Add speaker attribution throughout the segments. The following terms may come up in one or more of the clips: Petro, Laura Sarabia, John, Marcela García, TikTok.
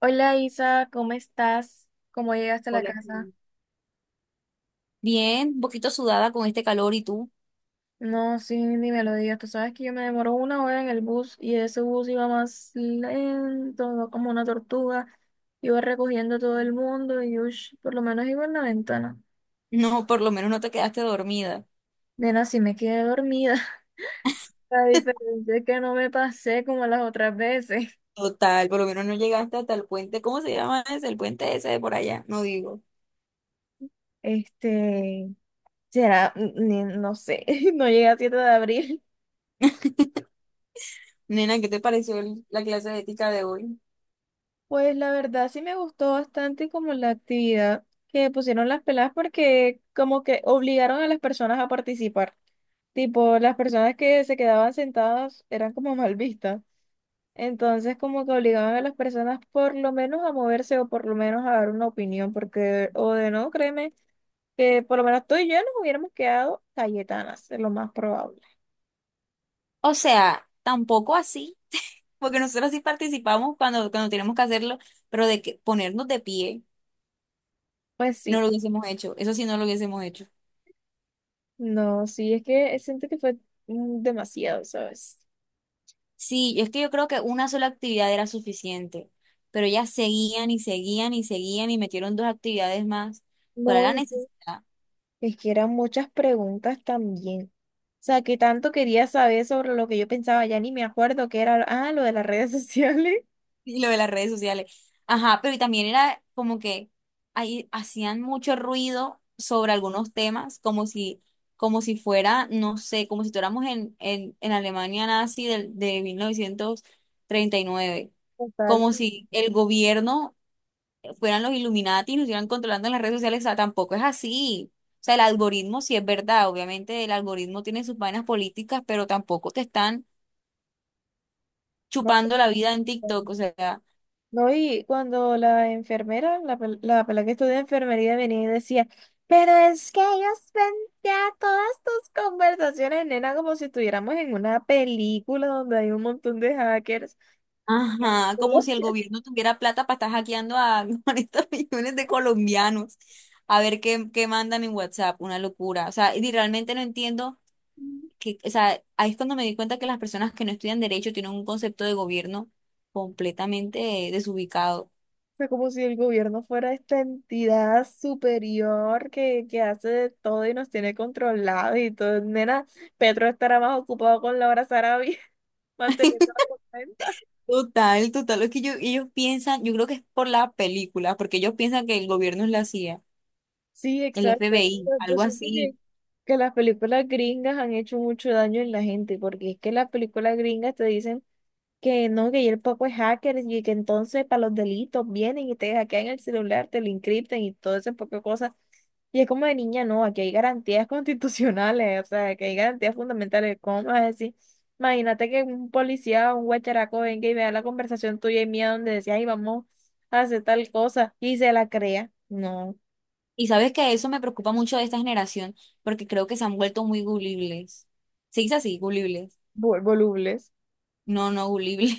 Speaker 1: Hola Isa, ¿cómo estás? ¿Cómo llegaste a la casa?
Speaker 2: Bien, un poquito sudada con este calor y tú.
Speaker 1: No, sí, ni me lo digas. Tú sabes que yo me demoró una hora en el bus y ese bus iba más lento, iba como una tortuga. Iba recogiendo a todo el mundo y ush, por lo menos iba en la ventana.
Speaker 2: No, por lo menos no te quedaste dormida.
Speaker 1: Nena, sí me quedé dormida. La diferencia es que no me pasé como las otras veces.
Speaker 2: Total, por lo menos no llegaste hasta el puente. ¿Cómo se llama ese? El puente ese de por allá. No digo.
Speaker 1: Este, será, ni- No sé, no llegué a 7 de abril.
Speaker 2: Nena, ¿qué te pareció la clase de ética de hoy?
Speaker 1: Pues la verdad sí me gustó bastante como la actividad que pusieron las peladas porque como que obligaron a las personas a participar. Tipo, las personas que se quedaban sentadas eran como mal vistas. Entonces como que obligaban a las personas por lo menos a moverse o por lo menos a dar una opinión porque o de no, créeme que por lo menos tú y yo nos hubiéramos quedado cayetanas, es lo más probable.
Speaker 2: O sea, tampoco así, porque nosotros sí participamos cuando tenemos que hacerlo, pero de que ponernos de pie,
Speaker 1: Pues
Speaker 2: no
Speaker 1: sí,
Speaker 2: lo hubiésemos hecho. Eso sí, no lo hubiésemos hecho.
Speaker 1: no, sí, es que siento que fue demasiado, ¿sabes?
Speaker 2: Sí, es que yo creo que una sola actividad era suficiente, pero ellas seguían y seguían y seguían y metieron dos actividades más. ¿Cuál
Speaker 1: No,
Speaker 2: era la necesidad?
Speaker 1: es que eran muchas preguntas también. O sea, que tanto quería saber sobre lo que yo pensaba, ya ni me acuerdo qué era, ah, lo de las redes sociales.
Speaker 2: Y lo de las redes sociales. Ajá, pero y también era como que ahí hacían mucho ruido sobre algunos temas, como si fuera, no sé, como si estuviéramos en Alemania nazi de 1939.
Speaker 1: Total.
Speaker 2: Como
Speaker 1: Que
Speaker 2: si el gobierno fueran los Illuminati y nos estuvieran controlando en las redes sociales. O sea, tampoco es así. O sea, el algoritmo sí es verdad. Obviamente el algoritmo tiene sus vainas políticas, pero tampoco te están
Speaker 1: no,
Speaker 2: chupando la vida en TikTok.
Speaker 1: total.
Speaker 2: O sea.
Speaker 1: No, y cuando la enfermera, la, la pela que estudia enfermería venía y decía, pero es que ellos ven ya todas tus conversaciones, nena, como si estuviéramos en una película donde hay un montón de hackers. Qué
Speaker 2: Ajá, como
Speaker 1: culo.
Speaker 2: si el gobierno tuviera plata para estar hackeando a 40 millones de colombianos a ver qué mandan en WhatsApp, una locura. O sea, y realmente no entiendo que, o sea, ahí es cuando me di cuenta que las personas que no estudian derecho tienen un concepto de gobierno completamente desubicado.
Speaker 1: Sea, como si el gobierno fuera esta entidad superior que hace de todo y nos tiene controlados y todo. Nena, Petro estará más ocupado con Laura Sarabia manteniendo la cuenta.
Speaker 2: Total, total, es que ellos piensan, yo creo que es por la película, porque ellos piensan que el gobierno es la CIA,
Speaker 1: Sí,
Speaker 2: el
Speaker 1: exacto. Es que
Speaker 2: FBI,
Speaker 1: yo
Speaker 2: algo
Speaker 1: siento
Speaker 2: así.
Speaker 1: que las películas gringas han hecho mucho daño en la gente, porque es que las películas gringas te dicen que no, que y el poco es hacker y que entonces para los delitos vienen y te hackean el celular, te lo encriptan y todo ese poco de cosas. Y es como de niña, no, aquí hay garantías constitucionales, o sea, que hay garantías fundamentales. ¿Cómo me vas a decir? Imagínate que un policía o un guacharaco venga y vea la conversación tuya y mía donde decía, ay, vamos a hacer tal cosa y se la crea. No,
Speaker 2: Y sabes que eso me preocupa mucho de esta generación, porque creo que se han vuelto muy gulibles. ¿Se dice así? Gulibles.
Speaker 1: Volubles.
Speaker 2: No, no, gulible.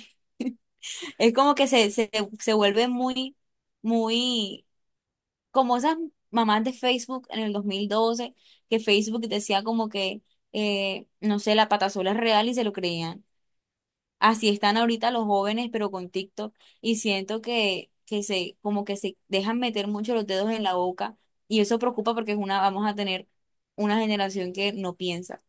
Speaker 2: Es como que se vuelve muy, como esas mamás de Facebook en el 2012, que Facebook decía como que, no sé, la patasola es real y se lo creían. Así están ahorita los jóvenes, pero con TikTok, y siento que, como que se dejan meter mucho los dedos en la boca, y eso preocupa porque es una, vamos a tener una generación que no piensa,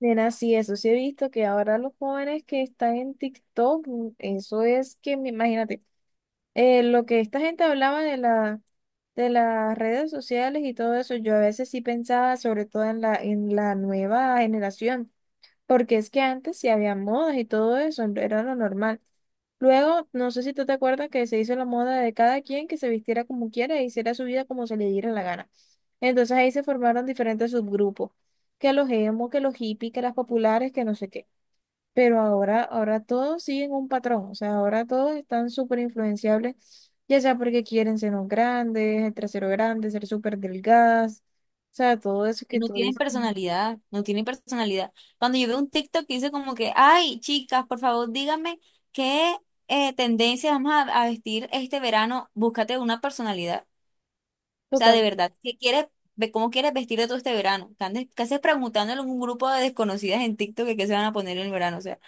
Speaker 1: Nena, sí, eso sí he visto que ahora los jóvenes que están en TikTok, eso es que, imagínate. Lo que esta gente hablaba de la, de las redes sociales y todo eso, yo a veces sí pensaba, sobre todo en la nueva generación, porque es que antes sí había modas y todo eso, era lo normal. Luego, no sé si tú te acuerdas que se hizo la moda de cada quien que se vistiera como quiera e hiciera su vida como se le diera la gana. Entonces ahí se formaron diferentes subgrupos, que los emo, que los hippies, que las populares, que no sé qué. Pero ahora, ahora todos siguen un patrón, o sea, ahora todos están súper influenciables, ya sea porque quieren senos grandes, el trasero grande, ser súper delgadas, o sea, todo eso
Speaker 2: que
Speaker 1: que
Speaker 2: no
Speaker 1: tú
Speaker 2: tienen
Speaker 1: dices,
Speaker 2: personalidad, no tienen personalidad. Cuando yo veo un TikTok que dice como que, ay, chicas, por favor, díganme qué tendencia a vestir este verano, búscate una personalidad. Sea, de
Speaker 1: total,
Speaker 2: verdad, ¿qué quieres, cómo quieres vestirte todo este verano? ¿ Qué haces preguntándole a un grupo de desconocidas en TikTok que qué se van a poner en el verano? O sea,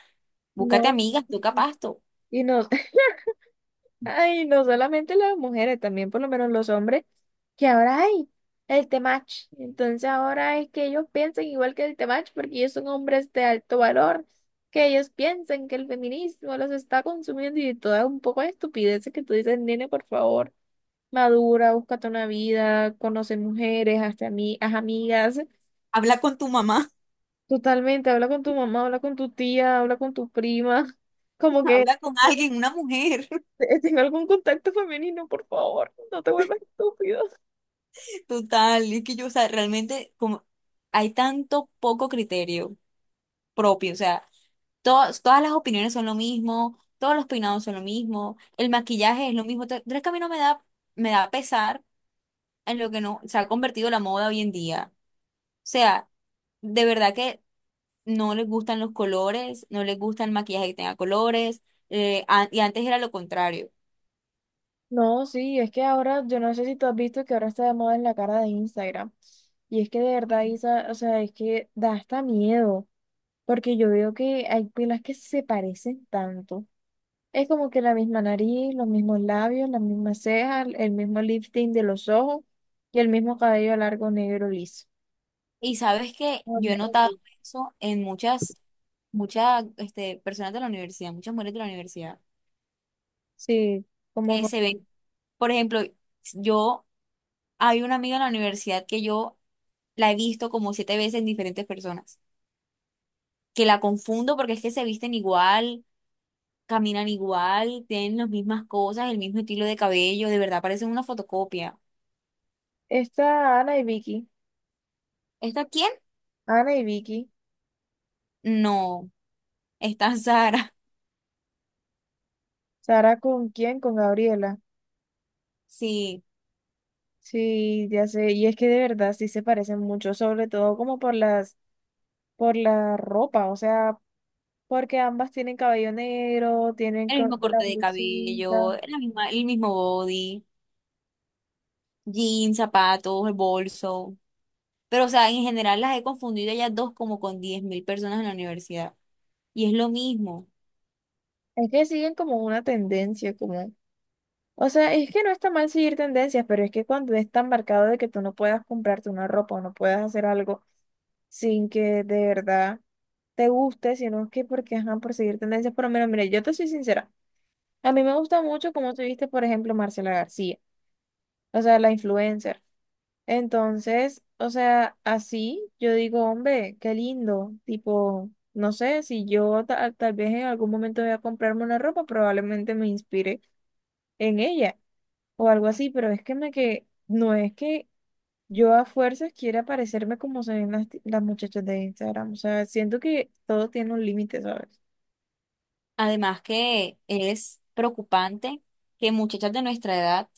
Speaker 2: búscate
Speaker 1: no.
Speaker 2: amigas, toca pasto.
Speaker 1: Y no, ay, no solamente las mujeres, también por lo menos los hombres, que ahora hay el temach. Entonces ahora es que ellos piensan igual que el temach porque ellos son hombres de alto valor, que ellos piensan que el feminismo los está consumiendo y toda un poco de estupideces que tú dices, nene, por favor, madura, búscate una vida, conoce mujeres, hazte haz amigas,
Speaker 2: Habla con tu mamá,
Speaker 1: totalmente, habla con tu mamá, habla con tu tía, habla con tu prima. Como que
Speaker 2: habla con alguien, una mujer.
Speaker 1: tenga algún contacto femenino, por favor, no te vuelvas estúpido.
Speaker 2: Total, es que yo, o sea, realmente como hay tanto poco criterio propio, o sea, todas las opiniones son lo mismo, todos los peinados son lo mismo, el maquillaje es lo mismo. Entonces, es que a mí no me da, me da pesar en lo que no se ha convertido la moda hoy en día. O sea, de verdad que no les gustan los colores, no les gusta el maquillaje que tenga colores, y antes era lo contrario.
Speaker 1: No, sí, es que ahora, yo no sé si tú has visto que ahora está de moda en la cara de Instagram. Y es que de verdad, Isa, o sea, es que da hasta miedo, porque yo veo que hay pilas que se parecen tanto. Es como que la misma nariz, los mismos labios, las mismas cejas, el mismo lifting de los ojos y el mismo cabello largo negro liso.
Speaker 2: Y sabes que yo he notado
Speaker 1: Horrible.
Speaker 2: eso en muchas, muchas, este, personas de la universidad, muchas mujeres de la universidad,
Speaker 1: Sí, como
Speaker 2: que se ven, por ejemplo, yo, hay una amiga en la universidad que yo la he visto como siete veces en diferentes personas, que la confundo porque es que se visten igual. Caminan igual, tienen las mismas cosas, el mismo estilo de cabello, de verdad parecen una fotocopia.
Speaker 1: esta
Speaker 2: ¿Esta quién?
Speaker 1: Ana y Vicky,
Speaker 2: No, está Sara,
Speaker 1: ¿Sara con quién? Con Gabriela.
Speaker 2: sí,
Speaker 1: Sí, ya sé, y es que de verdad sí se parecen mucho, sobre todo como por las, por la ropa, o sea, porque ambas tienen cabello negro, tienen
Speaker 2: el mismo
Speaker 1: de la
Speaker 2: corte de
Speaker 1: blusita.
Speaker 2: cabello, la misma, el mismo body, jeans, zapatos, el bolso. Pero, o sea, en general las he confundido a ellas dos como con 10.000 personas en la universidad. Y es lo mismo.
Speaker 1: Es que siguen como una tendencia, como, o sea, es que no está mal seguir tendencias, pero es que cuando es tan marcado de que tú no puedas comprarte una ropa o no puedas hacer algo sin que de verdad te guste, sino que porque, ajá, por seguir tendencias, por lo menos, mira, yo te soy sincera, a mí me gusta mucho como tú viste, por ejemplo, Marcela García, o sea, la influencer. Entonces, o sea, así yo digo, hombre, qué lindo. Tipo, no sé, si yo tal vez en algún momento voy a comprarme una ropa, probablemente me inspire en ella o algo así, pero es que me que no es que yo a fuerzas quiera parecerme como se ven las, las muchachas de Instagram. O sea, siento que todo tiene un límite, ¿sabes?
Speaker 2: Además que es preocupante que muchachas de nuestra edad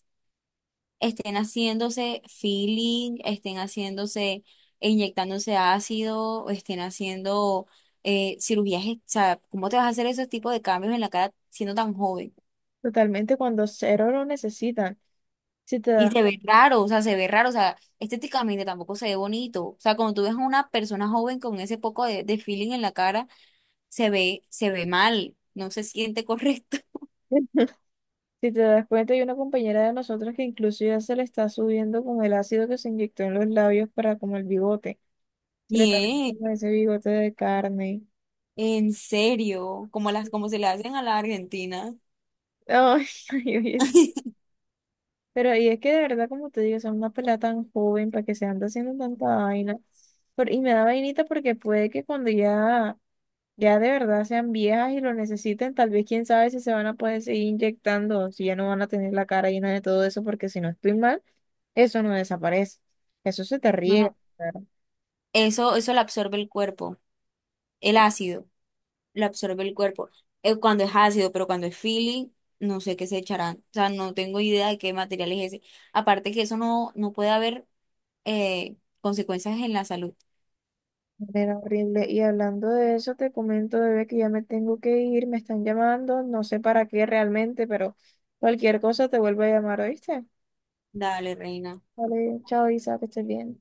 Speaker 2: estén haciéndose feeling, estén haciéndose, e inyectándose ácido, o estén haciendo cirugías. O sea, ¿cómo te vas a hacer esos tipos de cambios en la cara siendo tan joven?
Speaker 1: Totalmente cuando cero lo necesitan. Si te
Speaker 2: Y
Speaker 1: das
Speaker 2: se ve raro, o sea, se ve raro, o sea, estéticamente tampoco se ve bonito. O sea, cuando tú ves a una persona joven con ese poco de feeling en la cara, se ve mal, no se siente correcto.
Speaker 1: cuenta. Si te das cuenta, hay una compañera de nosotros que incluso ya se le está subiendo con el ácido que se inyectó en los labios para como el bigote. Se le está haciendo
Speaker 2: Bien,
Speaker 1: como ese bigote de carne.
Speaker 2: en serio, como las,
Speaker 1: Sí.
Speaker 2: como se le hacen a la Argentina.
Speaker 1: Ay, ay, oye, sí. Pero ahí es que de verdad, como te digo, son una pelada tan joven para que se ande haciendo tanta vaina. Y me da vainita porque puede que cuando ya, ya de verdad sean viejas y lo necesiten, tal vez quién sabe si se van a poder seguir inyectando, si ya no van a tener la cara llena de todo eso, porque si no estoy mal. Eso no desaparece. Eso se te riega.
Speaker 2: No,
Speaker 1: Claro.
Speaker 2: eso lo absorbe el cuerpo, el ácido, lo absorbe el cuerpo. Cuando es ácido, pero cuando es feeling, no sé qué se echarán. O sea, no tengo idea de qué material es ese. Aparte que eso no puede haber consecuencias en la salud.
Speaker 1: Era horrible. Y hablando de eso, te comento, bebé, que ya me tengo que ir. Me están llamando. No sé para qué realmente, pero cualquier cosa te vuelvo a llamar, ¿oíste?
Speaker 2: Dale, reina.
Speaker 1: Vale, chao, Isa, que estés bien.